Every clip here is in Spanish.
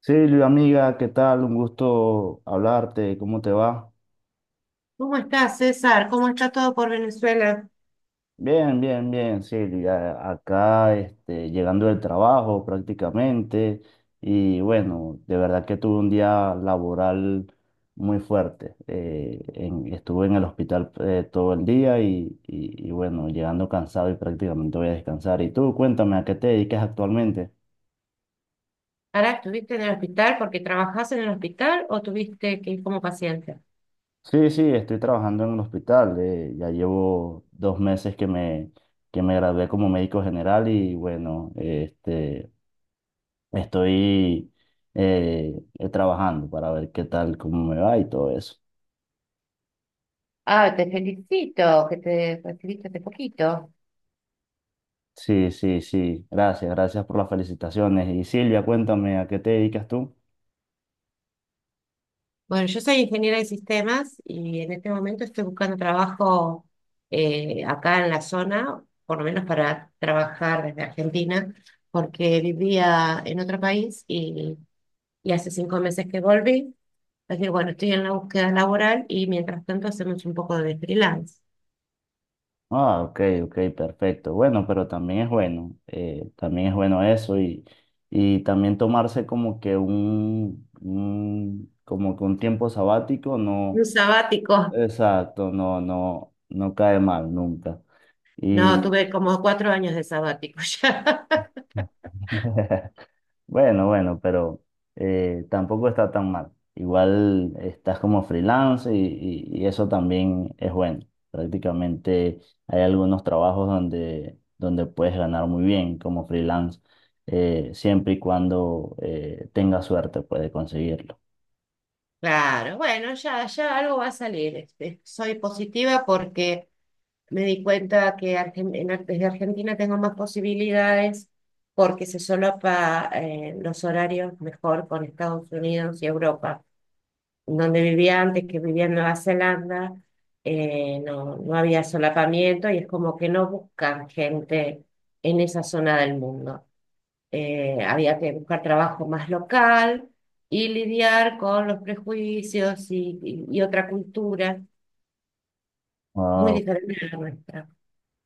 Silvia, amiga, ¿qué tal? Un gusto hablarte, ¿cómo te va? ¿Cómo estás, César? ¿Cómo está todo por Venezuela? Bien, bien, bien, Silvia. Acá, este, llegando del trabajo prácticamente y bueno, de verdad que tuve un día laboral muy fuerte. Estuve en el hospital todo el día y bueno, llegando cansado y prácticamente voy a descansar. Y tú, cuéntame, ¿a qué te dedicas actualmente? ¿Ahora estuviste en el hospital porque trabajás en el hospital o tuviste que ir como paciente? Sí, sí, estoy trabajando en un hospital. Ya llevo 2 meses que me gradué como médico general y bueno, este, estoy trabajando para ver qué tal, cómo me va y todo eso. Ah, te felicito que te recibiste hace poquito. Sí, sí, sí. Gracias, gracias por las felicitaciones. Y Silvia, cuéntame, ¿a qué te dedicas tú? Bueno, yo soy ingeniera de sistemas y en este momento estoy buscando trabajo acá en la zona, por lo menos para trabajar desde Argentina, porque vivía en otro país y hace 5 meses que volví. Así que bueno, estoy en la búsqueda laboral y mientras tanto hacemos un poco de freelance. Ah, ok, ok, perfecto. Bueno, pero también es bueno eso y también tomarse como que un tiempo sabático, Un no, sabático. exacto, no, no, no cae mal nunca. No, Y tuve como 4 años de sabático ya. bueno, bueno, pero tampoco está tan mal. Igual estás como freelance y eso también es bueno. Prácticamente hay algunos trabajos donde puedes ganar muy bien como freelance, siempre y cuando tengas suerte puedes conseguirlo. Claro, bueno, ya, ya algo va a salir. Este, soy positiva porque me di cuenta que desde Argentina tengo más posibilidades porque se solapa los horarios mejor con Estados Unidos y Europa. Donde vivía antes, que vivía en Nueva Zelanda, no, no había solapamiento y es como que no buscan gente en esa zona del mundo. Había que buscar trabajo más local y lidiar con los prejuicios y otra cultura muy Wao. diferente a la nuestra.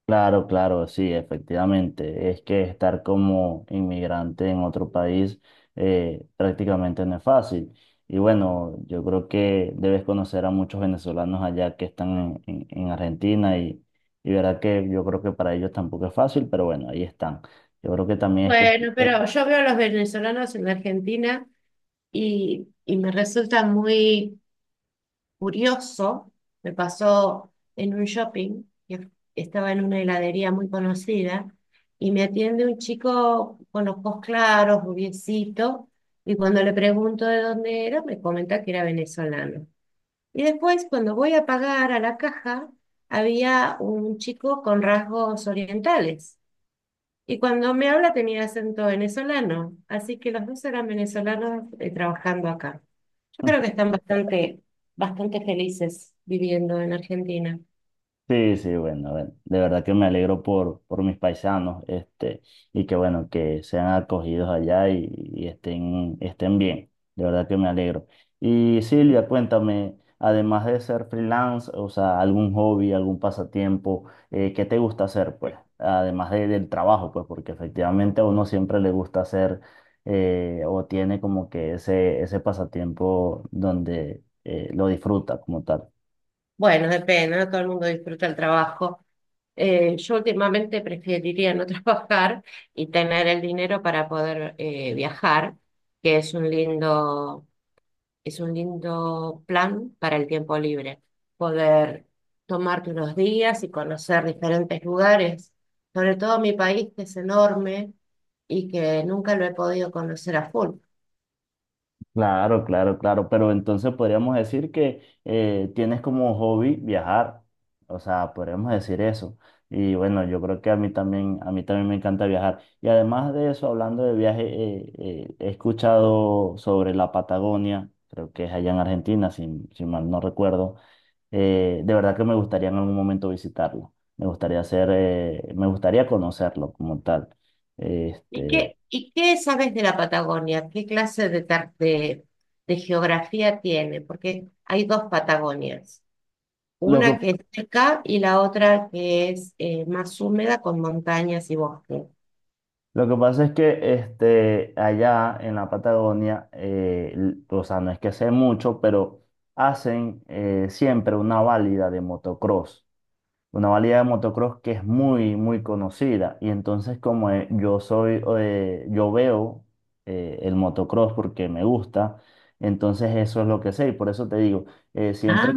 Claro, claro, sí, efectivamente. Es que estar como inmigrante en otro país prácticamente no es fácil. Y bueno, yo creo que debes conocer a muchos venezolanos allá que están en Argentina y verdad que yo creo que para ellos tampoco es fácil, pero bueno, ahí están. Yo creo que también es Bueno, cuestión. pero yo veo a los venezolanos en la Argentina y me resulta muy curioso. Me pasó en un shopping, que estaba en una heladería muy conocida, y me atiende un chico con los ojos claros, rubiecito, y cuando le pregunto de dónde era, me comenta que era venezolano. Y después, cuando voy a pagar a la caja, había un chico con rasgos orientales. Y cuando me habla tenía acento venezolano. Así que los dos eran venezolanos trabajando acá. Yo creo que están bastante felices viviendo en Argentina. Sí, sí, bueno, bueno, de verdad que me alegro por mis paisanos, este, y que bueno, que sean acogidos allá y estén, estén bien, de verdad que me alegro. Y Silvia, cuéntame, además de ser freelance, o sea, algún hobby, algún pasatiempo, ¿qué te gusta hacer, pues? Además del trabajo, pues, porque efectivamente a uno siempre le gusta hacer, o tiene como que ese pasatiempo donde lo disfruta como tal. Bueno, depende, no todo el mundo disfruta el trabajo. Yo últimamente preferiría no trabajar y tener el dinero para poder viajar, que es un lindo Es un lindo plan para el tiempo libre, poder tomarte unos días y conocer diferentes lugares, sobre todo mi país que es enorme y que nunca lo he podido conocer a full. Claro, claro, claro, pero entonces podríamos decir que tienes como hobby viajar, o sea, podríamos decir eso. Y bueno, yo creo que a mí también me encanta viajar. Y además de eso, hablando de viaje, he escuchado sobre la Patagonia, creo que es allá en Argentina, si mal no recuerdo. De verdad que me gustaría en algún momento visitarlo. Me gustaría conocerlo como tal. Este, Y qué sabes de la Patagonia? ¿Qué clase de, de geografía tiene? Porque hay dos Patagonias, lo una que que es seca y la otra que es más húmeda con montañas y bosque. Lo que pasa es que este, allá en la Patagonia, o sea, no es que sé mucho, pero hacen siempre una válida de motocross. Una válida de motocross que es muy, muy conocida. Y entonces como yo veo el motocross porque me gusta, entonces eso es lo que sé. Y por eso te digo, eh, Ah. siempre,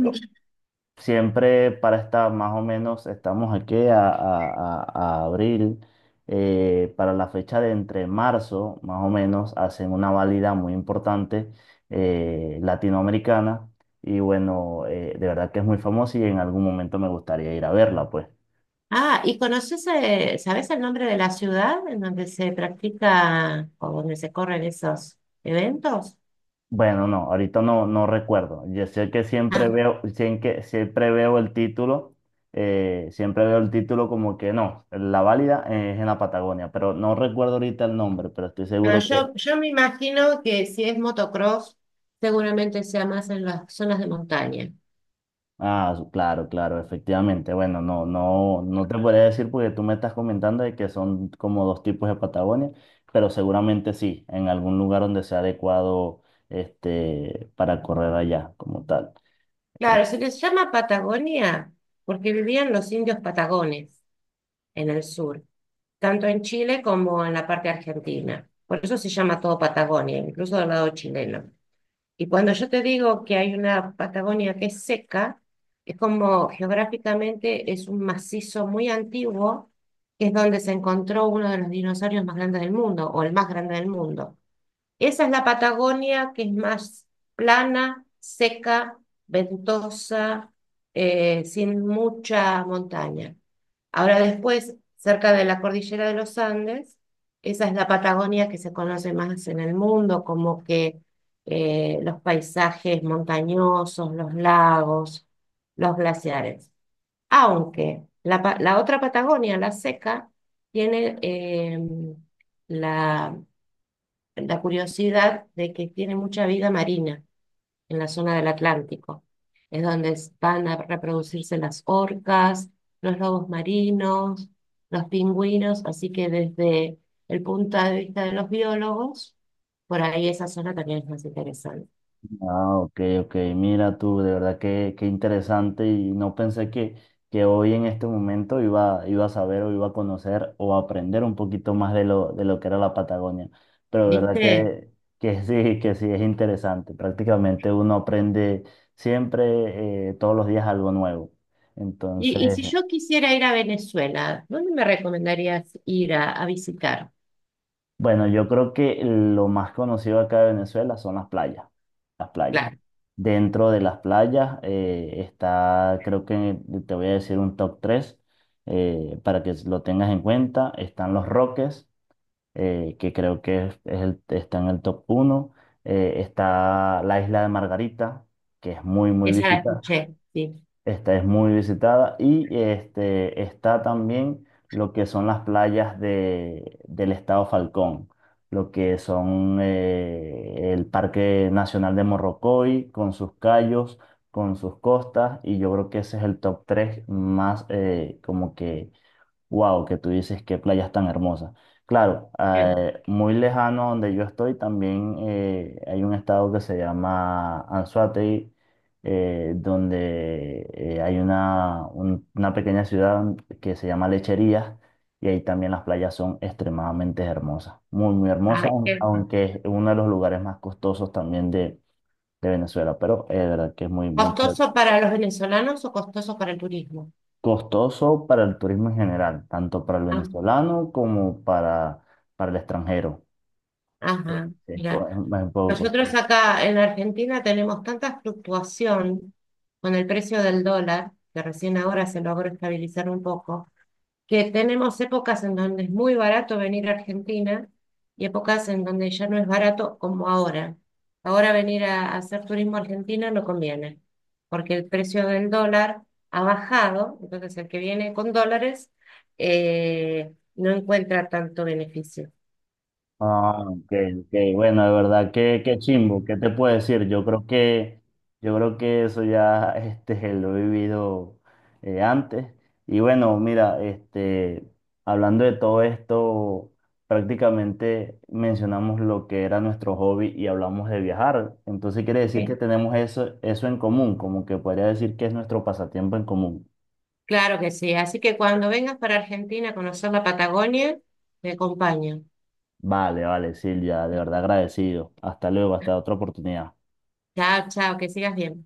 siempre para esta, más o menos, estamos aquí a abril, para la fecha de entre marzo, más o menos, hacen una válida muy importante latinoamericana y bueno, de verdad que es muy famosa y en algún momento me gustaría ir a verla, pues. Ah, ¿y conoces, sabes el nombre de la ciudad en donde se practica o donde se corren esos eventos? Bueno, no, ahorita no, no recuerdo. Yo sé que Ah, siempre veo el título, siempre veo el título como que no, la válida es en la Patagonia, pero no recuerdo ahorita el nombre, pero estoy ah, seguro que yo me imagino que si es motocross, seguramente sea más en las zonas de montaña. claro, claro, efectivamente. Bueno, no, no, no te podría decir porque tú me estás comentando de que son como dos tipos de Patagonia, pero seguramente sí, en algún lugar donde sea adecuado, este, para correr allá como tal. Claro, se les llama Patagonia porque vivían los indios patagones en el sur, tanto en Chile como en la parte argentina. Por eso se llama todo Patagonia, incluso del lado chileno. Y cuando yo te digo que hay una Patagonia que es seca, es como geográficamente es un macizo muy antiguo, que es donde se encontró uno de los dinosaurios más grandes del mundo, o el más grande del mundo. Esa es la Patagonia, que es más plana, seca, ventosa, sin mucha montaña. Ahora después, cerca de la cordillera de los Andes, esa es la Patagonia que se conoce más en el mundo, como que los paisajes montañosos, los lagos, los glaciares. Aunque la otra Patagonia, la seca, tiene la la curiosidad de que tiene mucha vida marina en la zona del Atlántico. Es donde van a reproducirse las orcas, los lobos marinos, los pingüinos, así que desde el punto de vista de los biólogos, por ahí esa zona también es más interesante. Ah, ok, ok. Mira tú, de verdad que interesante y no pensé que hoy en este momento iba a saber o iba a conocer o a aprender un poquito más de lo que era la Patagonia. Pero de verdad ¿Viste? que, sí, que sí es interesante. Prácticamente uno aprende siempre, todos los días algo nuevo. Entonces, Y si yo quisiera ir a Venezuela, ¿dónde me recomendarías ir a visitar? bueno, yo creo que lo más conocido acá de Venezuela son las playas, las playas. Claro, Dentro de las playas está, creo que te voy a decir un top 3 para que lo tengas en cuenta. Están Los Roques, que creo que está en el top 1. Está la isla de Margarita, que es muy, muy esa la visitada. escuché, sí. Esta es muy visitada y este, está también lo que son las playas del estado Falcón, lo que son el Parque Nacional de Morrocoy, con sus cayos, con sus costas, y yo creo que ese es el top 3 más como que wow, que tú dices qué playas tan hermosas. Claro, Bien. Muy lejano donde yo estoy también hay un estado que se llama Anzoátegui, donde hay una pequeña ciudad que se llama Lecherías y ahí también las playas son extremadamente hermosas, muy, muy hermosas, Ay, qué- aunque es uno de los lugares más costosos también de Venezuela, pero es verdad que es muy, muy chévere. ¿Costoso para los venezolanos o costoso para el turismo? Costoso para el turismo en general, tanto para el Ah. venezolano como para el extranjero. Sí, Ajá, sí, mira, es un poco nosotros costoso. acá en Argentina tenemos tanta fluctuación con el precio del dólar, que recién ahora se logró estabilizar un poco, que tenemos épocas en donde es muy barato venir a Argentina y épocas en donde ya no es barato como ahora. Ahora venir a hacer turismo a Argentina no conviene, porque el precio del dólar ha bajado, entonces el que viene con dólares no encuentra tanto beneficio. Ah, ok, ok. Bueno, de verdad, qué, chimbo, ¿qué te puedo decir? Yo creo que eso ya este, lo he vivido antes. Y bueno, mira, este, hablando de todo esto, prácticamente mencionamos lo que era nuestro hobby y hablamos de viajar. Entonces quiere decir que tenemos eso en común, como que podría decir que es nuestro pasatiempo en común. Claro que sí. Así que cuando vengas para Argentina a conocer la Patagonia, te acompaño. Vale, vale, Silvia, de verdad agradecido. Hasta luego, hasta otra oportunidad. Chao, chao, que sigas bien.